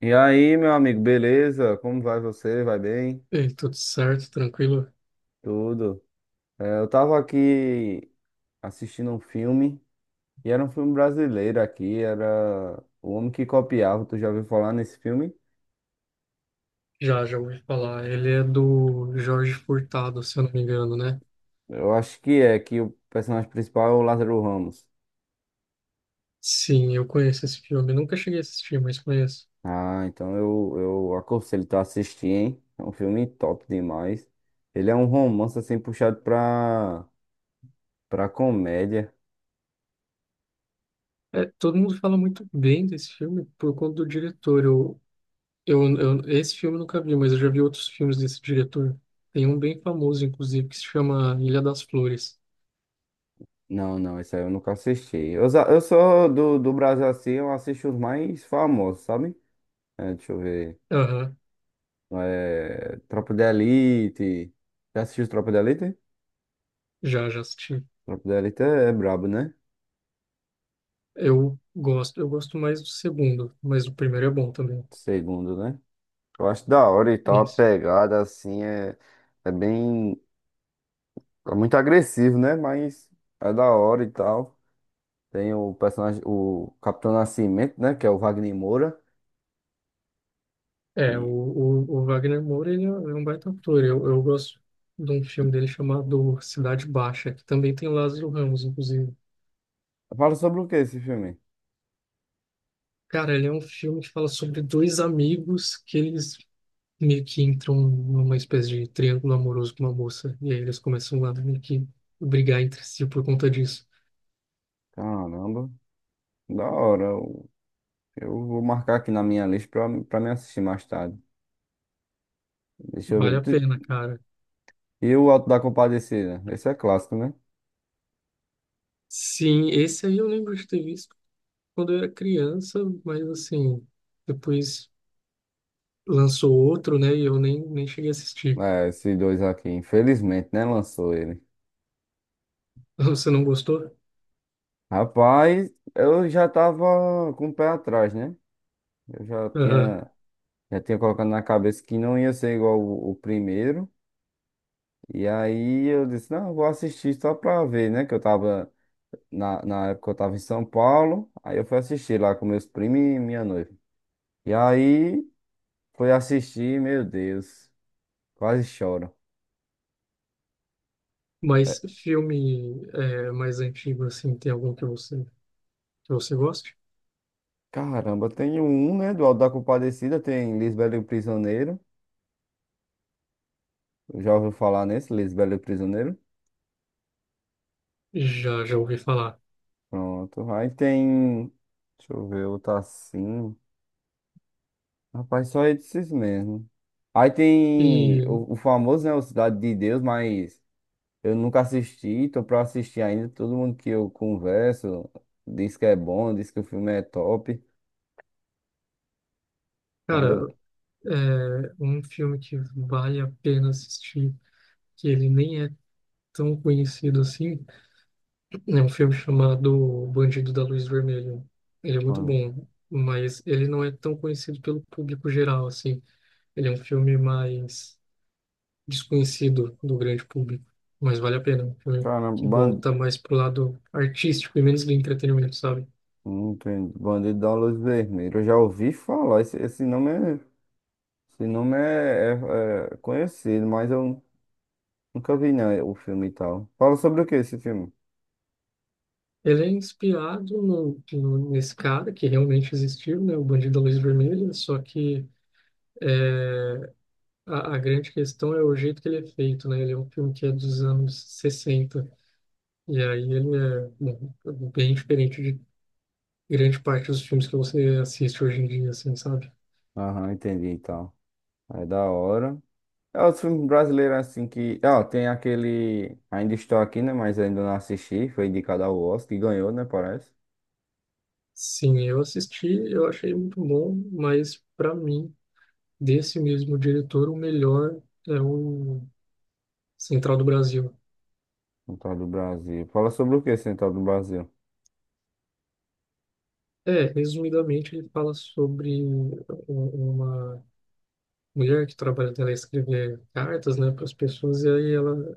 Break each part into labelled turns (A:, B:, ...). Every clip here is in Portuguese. A: E aí, meu amigo, beleza? Como vai você? Vai bem?
B: Ei, tudo certo, tranquilo?
A: Tudo. É, eu tava aqui assistindo um filme, e era um filme brasileiro aqui, era O Homem que Copiava. Tu já ouviu falar nesse filme?
B: Já ouvi falar. Ele é do Jorge Furtado, se eu não me engano, né?
A: Eu acho que é, que o personagem principal é o Lázaro Ramos.
B: Sim, eu conheço esse filme. Nunca cheguei a assistir, mas conheço.
A: Ah, então eu aconselho tu a assistir, hein? É um filme top demais. Ele é um romance assim puxado pra comédia.
B: É, todo mundo fala muito bem desse filme por conta do diretor. Eu, esse filme eu nunca vi, mas eu já vi outros filmes desse diretor. Tem um bem famoso, inclusive, que se chama Ilha das Flores.
A: Não, não, isso aí eu nunca assisti. Eu, eu sou do Brasil assim, eu assisto os mais famosos, sabe? É, deixa eu ver.
B: Aham,
A: É, Tropa de Elite. Já assistiu Tropa de Elite?
B: já assisti.
A: Tropa de Elite é brabo, né?
B: Eu gosto mais do segundo, mas o primeiro é bom também.
A: Segundo, né? Eu acho da hora e tal, a
B: Isso.
A: pegada assim é bem. É muito agressivo, né? Mas é da hora e tal. Tem o personagem, o Capitão Nascimento, né? Que é o Wagner Moura.
B: É, o,
A: Que...
B: o, o Wagner Moura, ele é um baita ator. Eu gosto de um filme dele chamado Cidade Baixa, que também tem o Lázaro Ramos, inclusive.
A: Fala sobre o que esse filme?
B: Cara, ele é um filme que fala sobre dois amigos que eles meio que entram numa espécie de triângulo amoroso com uma moça. E aí eles começam a meio que brigar entre si por conta disso.
A: Caramba, da hora. Eu vou marcar aqui na minha lista pra me assistir mais tarde. Deixa eu
B: Vale
A: ver.
B: a pena, cara.
A: E o Alto da Compadecida? Esse é clássico, né?
B: Sim, esse aí eu lembro de ter visto quando eu era criança, mas assim, depois lançou outro, né? E eu nem cheguei a assistir.
A: É, esses dois aqui. Infelizmente, né? Lançou ele.
B: Você não gostou?
A: Rapaz, eu já tava com o pé atrás, né? Eu já
B: Aham.
A: tinha, Já tinha colocado na cabeça que não ia ser igual o primeiro. E aí eu disse, não, eu vou assistir só pra ver, né? Que eu tava, na época eu tava em São Paulo. Aí eu fui assistir lá com meus primos e minha noiva. E aí... fui assistir, meu Deus. Quase choro.
B: Mas filme é, mais antigo, assim, tem algum que você goste?
A: Caramba, tem um, né? Do Auto da Compadecida, tem Lisbela e o Prisioneiro. Já ouviu falar nesse, Lisbela e o Prisioneiro?
B: Já ouvi falar.
A: Pronto. Aí tem. Deixa eu ver, outro assim. Rapaz, só esses mesmo. Aí tem
B: E,
A: o famoso, né? O Cidade de Deus, mas eu nunca assisti, tô pra assistir ainda. Todo mundo que eu converso diz que é bom, diz que o filme é top. Ainda.
B: cara, é um filme que vale a pena assistir, que ele nem é tão conhecido assim, é um filme chamado Bandido da Luz Vermelha. Ele é muito bom, mas ele não é tão conhecido pelo público geral, assim. Ele é um filme mais desconhecido do grande público, mas vale a pena. Um filme que
A: Caramba,
B: volta mais pro lado artístico e menos do entretenimento, sabe?
A: entendi. Bandido da Luz Vermelha. Eu já ouvi falar. Esse nome esse nome é conhecido, mas eu nunca vi não, o filme e tal. Fala sobre o que esse filme?
B: Ele é inspirado nesse cara que realmente existiu, né? O Bandido da Luz Vermelha, só que é, a grande questão é o jeito que ele é feito, né? Ele é um filme que é dos anos 60 e aí ele é bom, bem diferente de grande parte dos filmes que você assiste hoje em dia, assim, sabe?
A: Aham, entendi e tal. É da hora. É os filmes brasileiros assim que. Ah, tem aquele. Ainda estou aqui, né? Mas ainda não assisti. Foi indicado ao Oscar e ganhou, né? Parece.
B: Sim, eu assisti, eu achei muito bom, mas para mim desse mesmo diretor, o melhor é o Central do Brasil.
A: Central do Brasil. Fala sobre o que Central do Brasil?
B: É, resumidamente, ele fala sobre uma mulher que trabalha dela escrever cartas, né, para as pessoas, e aí ela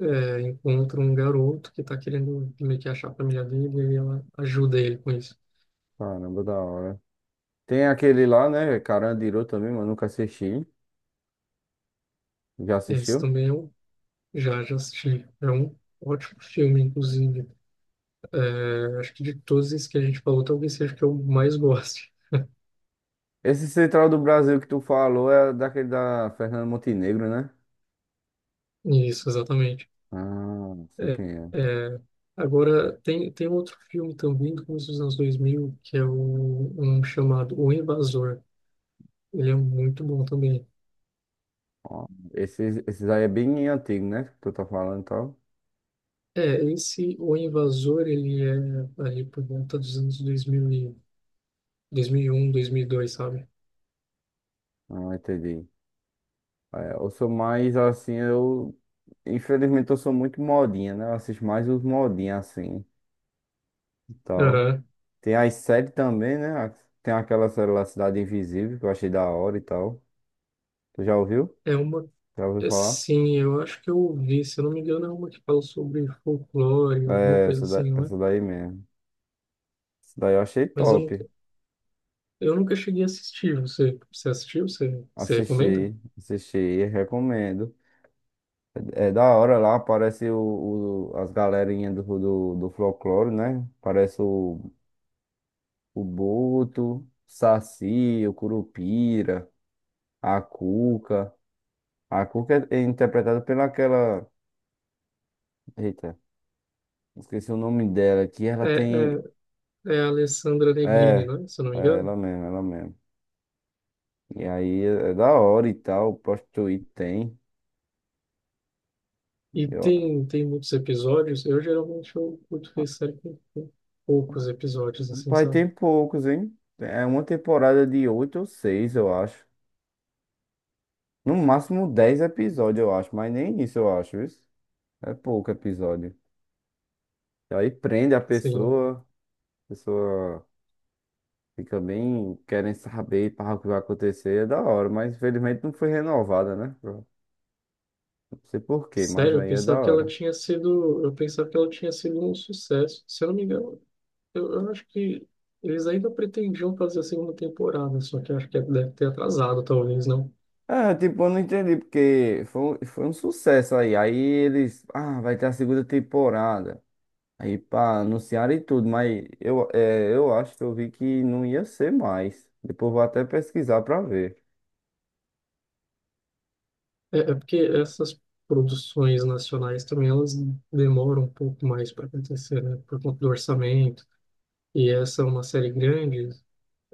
B: é, encontra um garoto que está querendo meio que achar a família dele, e aí ela ajuda ele com isso.
A: Caramba, da hora. Tem aquele lá, né? Carandiru também, mas nunca assisti. Já
B: Esse
A: assistiu?
B: também eu já assisti. É um ótimo filme, inclusive. É, acho que de todos esses que a gente falou, talvez seja o que eu mais goste.
A: Esse Central do Brasil que tu falou é daquele da Fernanda Montenegro, né?
B: Isso, exatamente.
A: Ah, sei
B: É,
A: quem é.
B: é, agora, tem outro filme também do começo dos anos 2000 que é o, um chamado O Invasor. Ele é muito bom também.
A: Ó, esses aí é bem antigo, né? Que tu tá falando e tal.
B: É, esse O Invasor, ele é ali por volta dos anos 2000 e, 2001, 2002, sabe?
A: Ah, entendi. É, eu sou mais assim, eu. Infelizmente eu sou muito modinha, né? Eu assisto mais os modinhos assim e tal.
B: Aham.
A: Tem as séries também, né? Tem aquela série lá, Cidade Invisível, que eu achei da hora e tal. Tu já ouviu?
B: É uma...
A: Já ouviu
B: é,
A: falar?
B: sim, eu acho que eu ouvi, se eu não me engano, é uma que fala sobre folclore, alguma
A: É,
B: coisa assim, não é?
A: essa daí mesmo. Essa daí eu achei
B: Mas eu
A: top.
B: nunca, eu nunca cheguei a assistir. Você assistiu? Você recomenda?
A: Assisti, assisti, recomendo. É da hora lá, aparece as galerinhas do folclore, né? Parece o Boto, o Saci, o Curupira, a Cuca. A Cuca é interpretada pela aquela. Eita, esqueci o nome dela, que ela
B: É,
A: tem.
B: é, É a Alessandra Negrini,
A: É,
B: né? Se eu não me
A: é
B: engano.
A: ela mesmo, ela mesmo. E aí é da hora e tal, posto Twitch tem.
B: E
A: Eu...
B: tem muitos episódios. Eu geralmente eu curto ver série com poucos episódios, assim,
A: Pai,
B: sabe?
A: tem poucos, hein? É uma temporada de oito ou seis, eu acho. No máximo 10 episódios, eu acho, mas nem isso eu acho, isso é pouco episódio. E aí prende
B: Sim.
A: a pessoa fica bem querendo saber para o que vai acontecer, é da hora, mas infelizmente não foi renovada, né? Eu Não sei por quê, mas
B: Sério, eu
A: aí é da
B: pensava que ela
A: hora.
B: tinha sido. Eu pensava que ela tinha sido um sucesso. Se eu não me engano, eu acho que eles ainda pretendiam fazer a segunda temporada, só que eu acho que deve ter atrasado, talvez, não?
A: É, tipo, eu não entendi, porque foi, foi um sucesso aí. Aí eles, ah, vai ter a segunda temporada. Aí, pá, anunciaram e tudo, mas eu, é, eu acho que eu vi que não ia ser mais. Depois vou até pesquisar pra ver.
B: É porque essas produções nacionais também elas demoram um pouco mais para acontecer, né? Por conta do orçamento. E essa é uma série grande,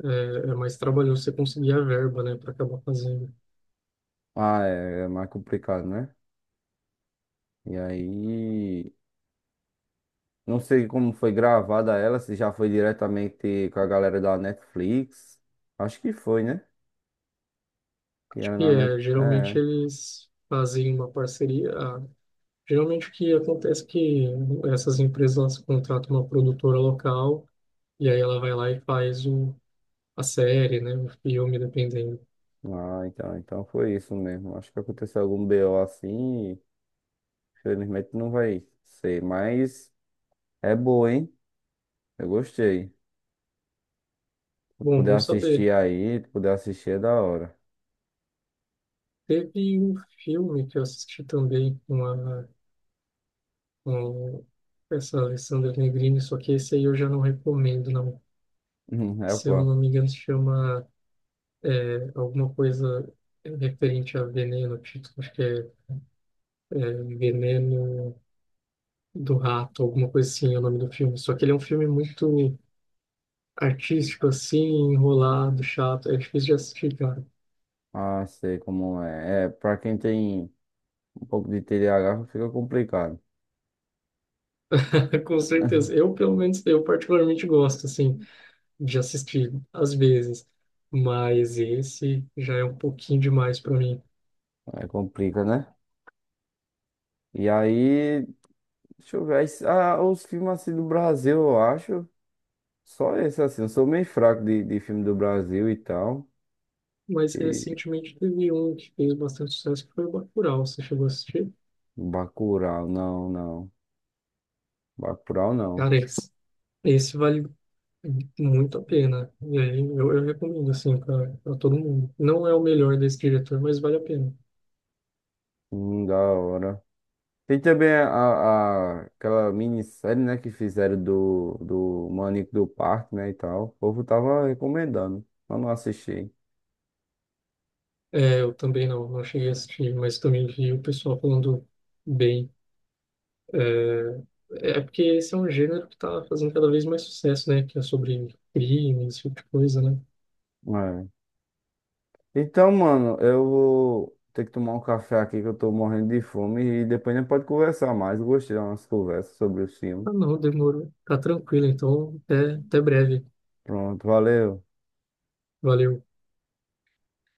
B: é mais trabalhoso você conseguir a verba, né, para acabar fazendo.
A: Ah, é mais complicado, né? E aí, não sei como foi gravada ela, se já foi diretamente com a galera da Netflix. Acho que foi, né? Que era
B: E
A: na Net...
B: é, geralmente
A: É.
B: eles fazem uma parceria. Geralmente o que acontece é que essas empresas elas contratam uma produtora local e aí ela vai lá e faz o, a série, né, o filme, dependendo.
A: Ah, então foi isso mesmo. Acho que aconteceu algum BO assim, e infelizmente não vai ser, mas é boa, hein? Eu gostei. Se
B: Bom,
A: puder
B: bom
A: assistir
B: saber.
A: aí, se puder assistir é da hora.
B: Teve um filme que eu assisti também com a, com essa Alessandra Negrini, só que esse aí eu já não recomendo, não.
A: É o
B: Se eu não
A: qual?
B: me engano, se chama é, alguma coisa referente a veneno, tipo, acho que é, é Veneno do Rato, alguma coisa assim, é o nome do filme. Só que ele é um filme muito artístico, assim, enrolado, chato, é difícil de assistir, cara.
A: Ah, sei como é. É, pra quem tem um pouco de TDAH fica complicado.
B: Com certeza. Eu, pelo menos, eu particularmente gosto, assim, de assistir, às vezes. Mas esse já é um pouquinho demais para mim.
A: Aí complica, né? E aí, deixa eu ver. Os filmes assim do Brasil, eu acho. Só esse assim. Eu sou meio fraco de filme do Brasil e tal.
B: Mas
A: E
B: recentemente teve um que fez bastante sucesso, que foi o Bacurau. Você chegou a assistir?
A: Bacurau, não, não. Bacurau, não.
B: Cara, esse vale muito a pena. E aí eu recomendo, assim, para todo mundo. Não é o melhor desse diretor, mas vale a pena.
A: Da hora. Tem também aquela minissérie, né, que fizeram do Maníaco do Parque, né, e tal. O povo tava recomendando, mas não assisti.
B: É, eu também não cheguei a assistir, mas também vi o pessoal falando bem. É porque esse é um gênero que tá fazendo cada vez mais sucesso, né? Que é sobre crime, esse tipo de coisa, né?
A: É. Então, mano, eu vou ter que tomar um café aqui que eu tô morrendo de fome e depois a gente pode conversar mais. Gostei das nossas conversas sobre o filme.
B: Ah, não, demorou. Tá tranquilo, então até breve.
A: Pronto, valeu.
B: Valeu.